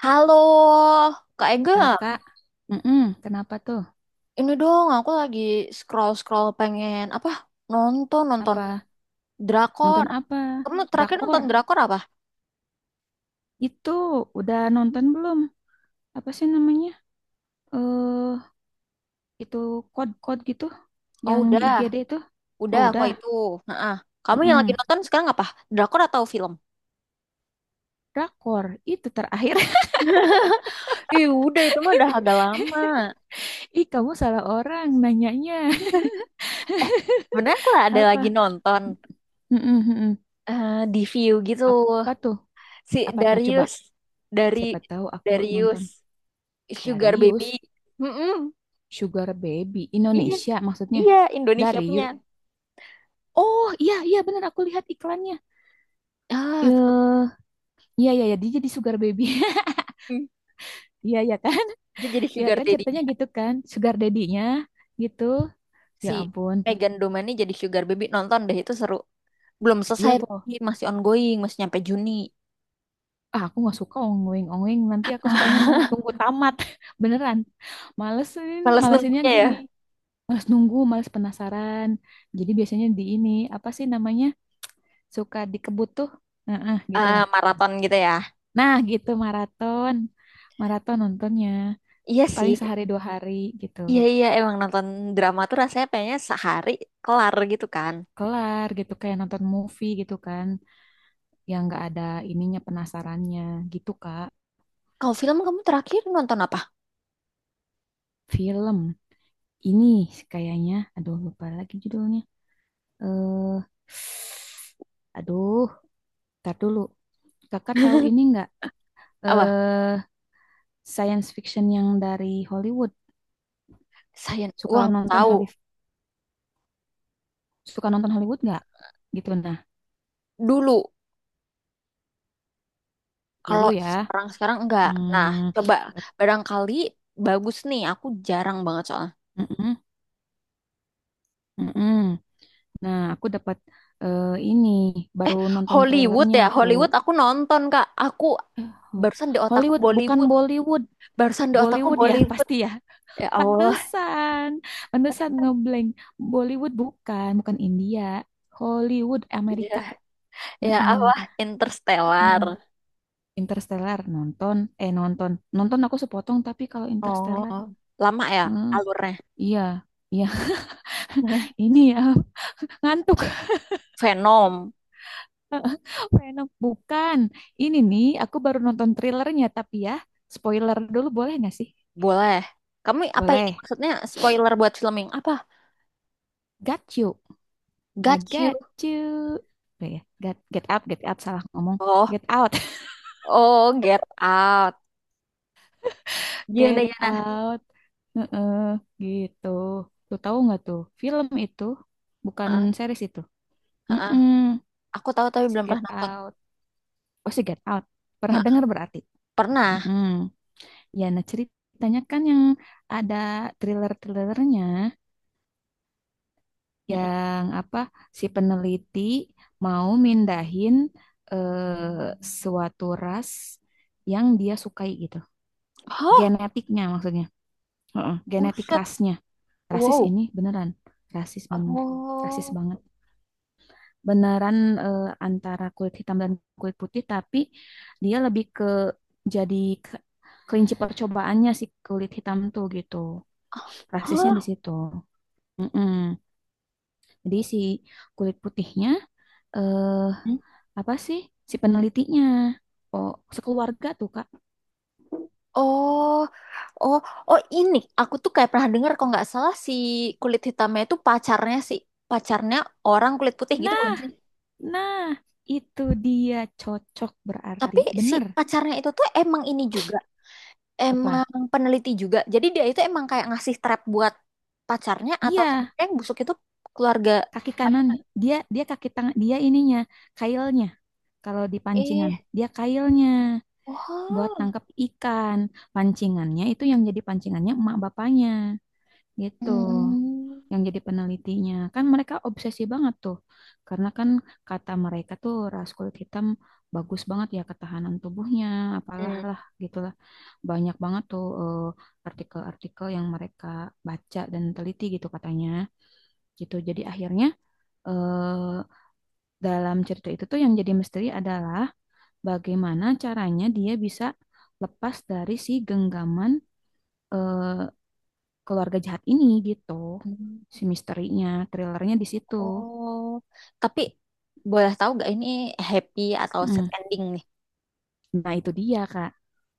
Halo, Kak Ega. Kakak, kenapa tuh? Ini dong, aku lagi scroll-scroll pengen apa? Nonton, nonton Apa drakor. nonton apa? Kamu terakhir Drakor? nonton drakor apa? Itu udah nonton belum? Apa sih namanya? Eh, itu kode-kode gitu Oh, yang di udah. IGD itu? Udah, Oh, aku udah. itu. Heeh. Kamu yang lagi mm nonton sekarang apa? Drakor atau film? Drakor itu terakhir. Ih, udah itu mah udah agak lama. Ih, kamu salah orang nanyanya. Eh, Sebenarnya aku ada lagi Apa? nonton Mm-mm, mm-mm. Di view gitu. Apa tuh? Si Apa tuh? Coba. Darius dari Siapa tahu aku Darius nonton. Sugar Baby. Darius Mm-mm. Sugar Baby Iya, Indonesia maksudnya. iya Indonesia punya. Darius. Oh, iya iya benar aku lihat iklannya. Ah, Eh, Iya, iya, ya, dia jadi sugar baby. hmm. Iya, iya kan? Dia jadi Iya sugar kan daddy, ceritanya gitu kan? Sugar daddy-nya gitu. Ya si ampun. Megan Domani jadi sugar baby, nonton deh itu seru. Belum Iya, selesai, po. masih ongoing, masih nyampe Juni. Ah, aku nggak suka ongweng-ongweng. Nanti aku sukanya tunggu tamat. Beneran. Malesin, Males malesinnya nunggunya ya. gini. Males nunggu, males penasaran. Jadi biasanya di ini, apa sih namanya? Suka dikebut tuh. Heeh, gitu Ah, nah. maraton gitu ya. Nah, gitu maraton. Maraton nontonnya. Iya Paling sih. sehari dua hari gitu Iya iya emang nonton drama tuh rasanya kayaknya sehari kelar gitu kan. kelar gitu kayak nonton movie gitu kan yang nggak ada ininya penasarannya gitu Kak. Kalau film kamu terakhir nonton apa? Film ini kayaknya, aduh lupa lagi judulnya. Eh, aduh, tar dulu. Kakak tahu ini nggak? Apa? Eh, science fiction yang dari Hollywood. Sayang Suka uang nonton tahu Hollywood, suka nonton Hollywood nggak? Gitu nah, dulu. dulu Kalau ya. sekarang sekarang enggak. Nah, Hmm, coba bet- barangkali bagus nih. Aku jarang banget soalnya. mm-mm, mm-mm. Nah, aku dapat ini baru nonton Hollywood trailernya ya, aku. Hollywood aku nonton Kak. Aku Eh, barusan di otakku Hollywood bukan Bollywood. Bollywood. Barusan di otakku Bollywood ya Bollywood. pasti ya. Ya Allah. Pantesan. Pantesan ngeblank. Bollywood bukan, bukan India. Hollywood Ya, Amerika. ya Heeh, Allah. Interstellar. heeh. Interstellar nonton, nonton. Nonton aku sepotong tapi kalau Oh, Interstellar, lama ya heeh, alurnya. iya. Iya, ini ya ngantuk. Venom. Heeh. Venom bukan. Ini nih aku baru nonton trailernya tapi ya spoiler dulu boleh nggak sih? Boleh. Kamu apa ini Boleh. maksudnya spoiler buat film yang apa? Got you. I Got you. got you. Boleh ya? Get, get up, get out salah ngomong. Oh, Get out. oh, Get Out. Gimana, Get gimana? Out. Heeh, gitu. Tuh tahu nggak tuh? Film itu bukan Heeh, series itu. heeh. Heeh, Aku tahu tapi si belum Get pernah nonton. Out. Oh, si Get Out. Pernah Heeh. dengar berarti? Pernah. Heeh. Ya, nah ceritanya kan yang ada thriller-thrillernya Mm-mm. yang apa si peneliti mau mindahin eh, suatu ras yang dia sukai gitu. Hah? Genetiknya maksudnya. Heeh, genetik Buset. rasnya. Rasis Wow. ini beneran rasis bener rasis Oh. banget beneran antara kulit hitam dan kulit putih tapi dia lebih ke jadi ke- kelinci percobaannya si kulit hitam tuh gitu rasisnya di Hah? situ. Mm-mm. Jadi si kulit putihnya eh Hmm? apa sih si penelitinya oh sekeluarga tuh Kak. Oh, oh, oh ini aku tuh kayak pernah dengar kalau nggak salah si kulit hitamnya itu pacarnya si pacarnya orang kulit putih gitu bukan Nah, sih? nah itu dia cocok berarti Tapi si bener pacarnya itu tuh emang ini juga, emang apa peneliti juga. Jadi dia itu emang kayak ngasih trap buat pacarnya atau iya sebenarnya yang busuk itu keluarga kaki kanan pacarnya. dia dia kaki tangan dia ininya kailnya kalau di Eh, pancingan dia kailnya buat wow. nangkap ikan pancingannya itu yang jadi pancingannya emak bapaknya gitu Hmm. yang jadi penelitinya kan mereka obsesi banget tuh karena kan kata mereka tuh ras kulit hitam bagus banget ya ketahanan tubuhnya apalah Hmm. lah gitulah banyak banget tuh artikel-artikel yang mereka baca dan teliti gitu katanya gitu jadi akhirnya eh dalam cerita itu tuh yang jadi misteri adalah bagaimana caranya dia bisa lepas dari si genggaman, eh, keluarga jahat ini gitu. Hmm. Si misterinya, thrillernya di situ. Oh, tapi boleh tahu gak ini happy atau sad Mm. ending nih? Nah itu dia Kak.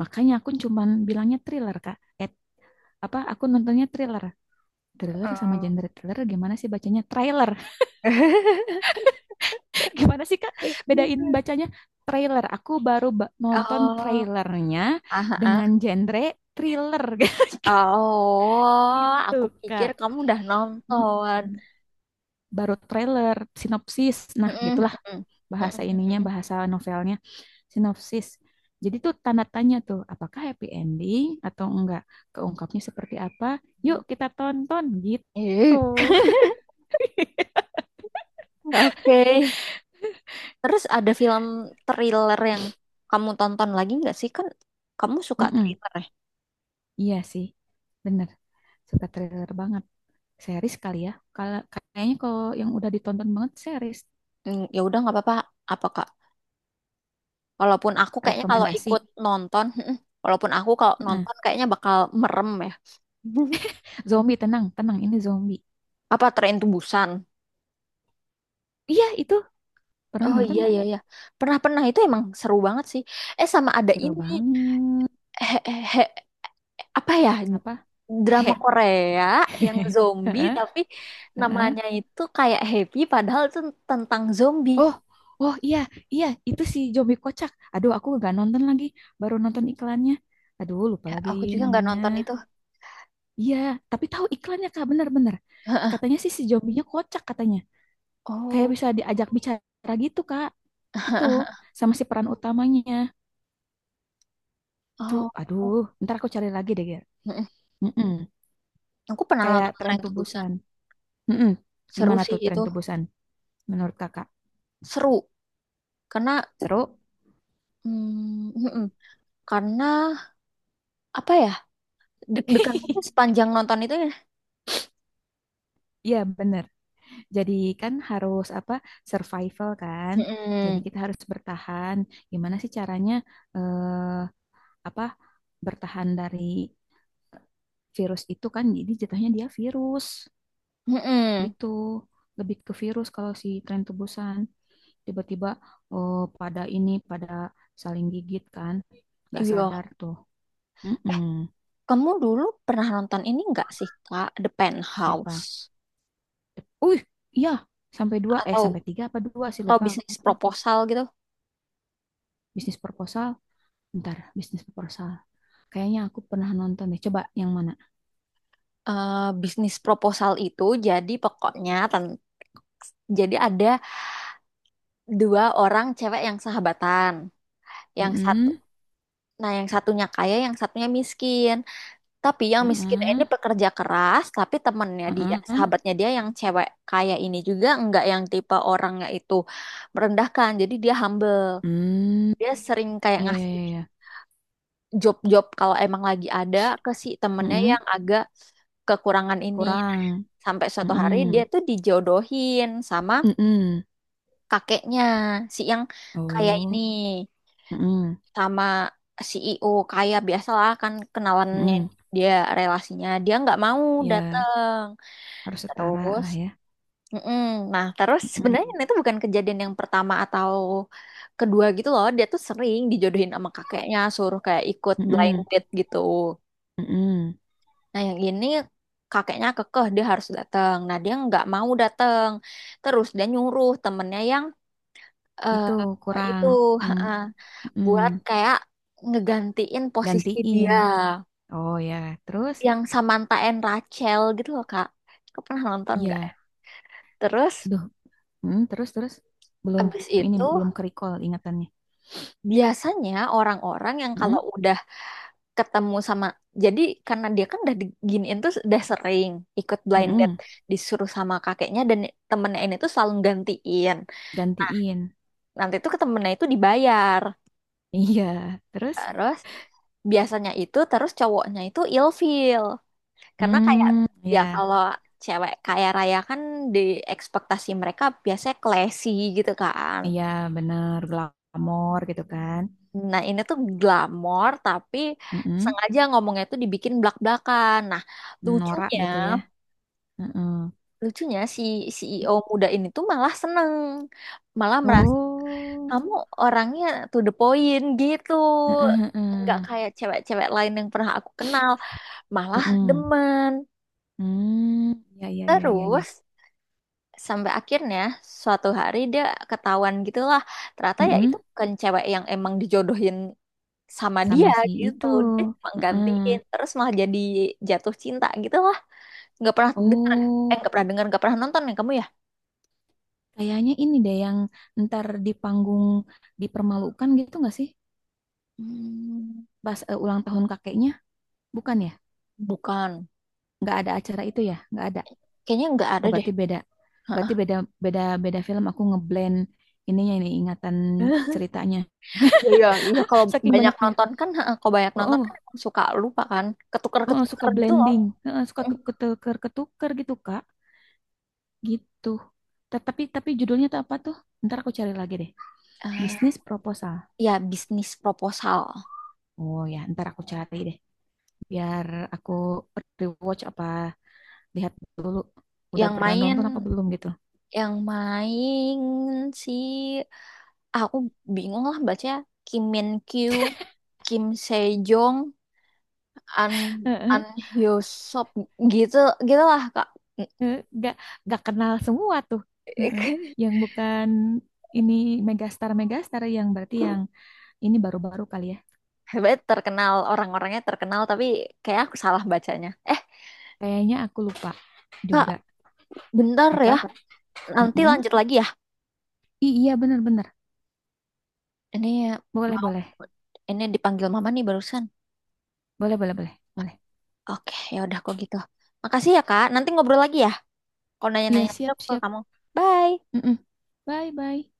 Makanya aku cuman bilangnya thriller Kak. Eh, apa aku nontonnya thriller. Thriller sama Oh. genre thriller gimana sih bacanya? Trailer. Gimana sih Kak? Bedain bacanya trailer. Aku baru nonton Oh, trailernya ah, ah. dengan genre thriller. Oh, Gitu, aku pikir Kak. kamu udah nonton. Mm-mm. Baru trailer, sinopsis. Nah, Mm-mm, gitulah mm-mm, bahasa mm-mm, ininya, mm-mm. bahasa novelnya, sinopsis. Jadi tuh tanda tanya tuh, apakah happy ending atau enggak? Keungkapnya seperti apa? Yuk kita tonton gitu. Ih, oke. Terus ada film thriller yang kamu tonton lagi nggak sih? Kan kamu suka Mm-mm. thriller ya? Iya sih, bener. Suka trailer banget. Series kali ya. Kalau kayaknya kalau yang udah ditonton banget series, Hmm, ya udah nggak apa-apa. Apa Kak? Walaupun aku kayaknya kalau rekomendasi. ikut nonton, mm-mm, walaupun aku kalau Heeh. nonton kayaknya bakal merem ya. Zombie tenang, tenang ini zombie. Apa Tren Busan? Iya itu pernah Oh nonton iya nggak? iya iya. Pernah-pernah itu emang seru banget sih. Eh sama ada Seru ini. banget. he- he- apa ya, Apa? drama He. Korea yang zombie Heeh, tapi heeh. namanya itu kayak Happy padahal itu tentang zombie. Oh, oh iya, iya, itu si zombie kocak. Aduh, aku nggak nonton lagi, baru nonton iklannya. Aduh, lupa Ya, lagi aku juga nggak namanya. nonton itu. Iya, tapi tahu iklannya Kak, bener-bener. Katanya sih si zombinya kocak katanya. Kayak Oh, bisa diajak bicara gitu, Kak. Gitu, sama si peran utamanya. Itu, oh. aduh, ntar aku cari lagi deh, Ger. Mm-mm. Mm-mm. Aku pernah Kayak nonton tren Tren to Busan. tubusan. Mm-mm. Seru Gimana sih tuh tren itu. tubusan menurut Kakak? Seru. Karena Seru? Mm-mm. Karena apa ya? Deg-degan aja sepanjang nonton itu ya. Iya, bener. Jadi kan harus apa survival kan. Jadi Mm-mm. kita harus bertahan. Gimana sih caranya eh, apa bertahan dari virus itu kan? Jadi jatuhnya dia virus Mm-mm. gitu. Lebih ke virus kalau si tren tebusan tiba-tiba oh, pada ini pada saling gigit kan. Nggak sadar Iya. tuh. Eh, Mm-mm. kamu dulu pernah nonton ini nggak sih, Kak? The Penthouse. Siapa? Uh, iya sampai dua Atau sampai tiga apa dua sih atau lupa bisnis aku. proposal gitu. Bisnis proposal. Bentar, bisnis proposal. Kayaknya aku pernah nonton deh. Coba yang mana? Eh, bisnis proposal itu jadi pokoknya jadi ada dua orang cewek yang sahabatan. Yang satu, Mm-mm. nah yang satunya kaya, yang satunya miskin. Tapi yang miskin Heeh, ini pekerja keras, tapi temennya dia, heeh. sahabatnya dia yang cewek kaya ini juga enggak yang tipe orangnya itu merendahkan. Jadi dia humble. Hmm, Dia sering kayak iya iya ngasih iya. Iya. job-job kalau emang lagi ada ke si temennya yang Heeh. agak kekurangan ini. Kurang. Sampai suatu hari Heeh. dia tuh dijodohin sama Heeh. kakeknya, si yang kaya ini, Oh, heeh. sama CEO kaya biasalah kan kenalannya Heeh. dia relasinya. Dia nggak mau Ya, datang. harus setara Terus, lah ya. mm-mm. Nah terus sebenarnya Heeh. itu bukan kejadian yang pertama atau kedua gitu loh. Dia tuh sering dijodohin sama kakeknya, suruh kayak ikut blind Heeh. date gitu. Heeh. Nah, yang ini kakeknya kekeh dia harus datang. Nah, dia nggak mau datang. Terus dia nyuruh temennya yang eh, Itu itu kurang yang eh, heeh. buat kayak ngegantiin posisi Gantiin. dia Oh ya, terus yang Samantha and Rachel gitu loh, Kak. Kau pernah nonton nggak? Ya? iya. Terus Aduh, hmm, terus terus belum habis ini itu belum ke recall ingatannya. biasanya orang-orang yang Heeh. kalau udah ketemu sama jadi karena dia kan udah diginiin tuh udah sering ikut blind date Heeh. disuruh sama kakeknya dan temennya ini tuh selalu gantiin. Gantiin. Nanti itu ke temennya itu dibayar Iya, terus terus biasanya itu terus cowoknya itu ilfeel karena kayak hmm, ya ya, kalau cewek kaya raya kan di ekspektasi mereka biasanya classy gitu kan, iya bener glamor gitu kan. nah ini tuh glamor tapi Mm-mm. sengaja ngomongnya tuh dibikin blak-blakan. Nah Norak lucunya gitu ya. Mm-mm. lucunya si CEO muda ini tuh malah seneng, malah merasa Oh, kamu orangnya to the point gitu, heeh nggak heeh. kayak cewek-cewek lain yang pernah aku kenal, malah Mm-mm. demen. Hmm, ya, ya, ya, ya, iya. Terus sampai akhirnya suatu hari dia ketahuan gitulah. Ternyata ya itu Mm-mm. bukan cewek yang emang dijodohin sama Sama dia si gitu. itu. Dia cuma gantiin Heeh. terus malah jadi jatuh cinta gitu lah. Nggak pernah dengar, eh Oh, nggak pernah dengar nggak pernah nonton ya kamu ya? kayaknya ini deh yang ntar di panggung dipermalukan gitu nggak sih? Hmm, Pas ulang tahun kakeknya, bukan ya? bukan. Nggak ada acara itu ya? Nggak ada. Kayaknya nggak ada Oh, deh. berarti beda. Heeh. Berarti beda beda beda film aku ngeblend ininya ini ingatan ceritanya. Iya, iya, iya. Kalau Saking banyak banyaknya. nonton kan, heeh, kalau banyak Oh, nonton kan oh, emang suka lupa kan, oh, oh, suka ketuker-ketuker gitu loh. blending. Heeh, suka Mm. ketuker-ketuker gitu, Kak. Gitu. Tapi judulnya tuh apa tuh? Ntar aku cari lagi deh. Eh, Bisnis proposal. ya bisnis proposal. Oh ya, ntar aku cari deh. Biar aku rewatch apa lihat dulu udah Yang pernah nonton apa main belum gitu. yang main si aku bingung lah baca Kim Min Kyu, Kim Sejong, An An Hyosop gitu gitulah Kak. Eh, nggak nggak kenal semua tuh. Heeh. Yang bukan ini megastar megastar yang berarti yang ini baru-baru kali ya Hebat terkenal orang-orangnya terkenal tapi kayak aku salah bacanya. Eh, kayaknya aku lupa Kak, juga bentar apa. ya. Nanti Mm-mm. lanjut lagi ya. Iya benar-benar Ini boleh mau boleh ini dipanggil mama nih barusan. boleh boleh boleh boleh Oke, ya udah kok gitu. Makasih ya, Kak. Nanti ngobrol lagi ya. Kalau iya nanya-nanya lagi siap aku ke siap. kamu. Bye. Mm-mm. Bye bye.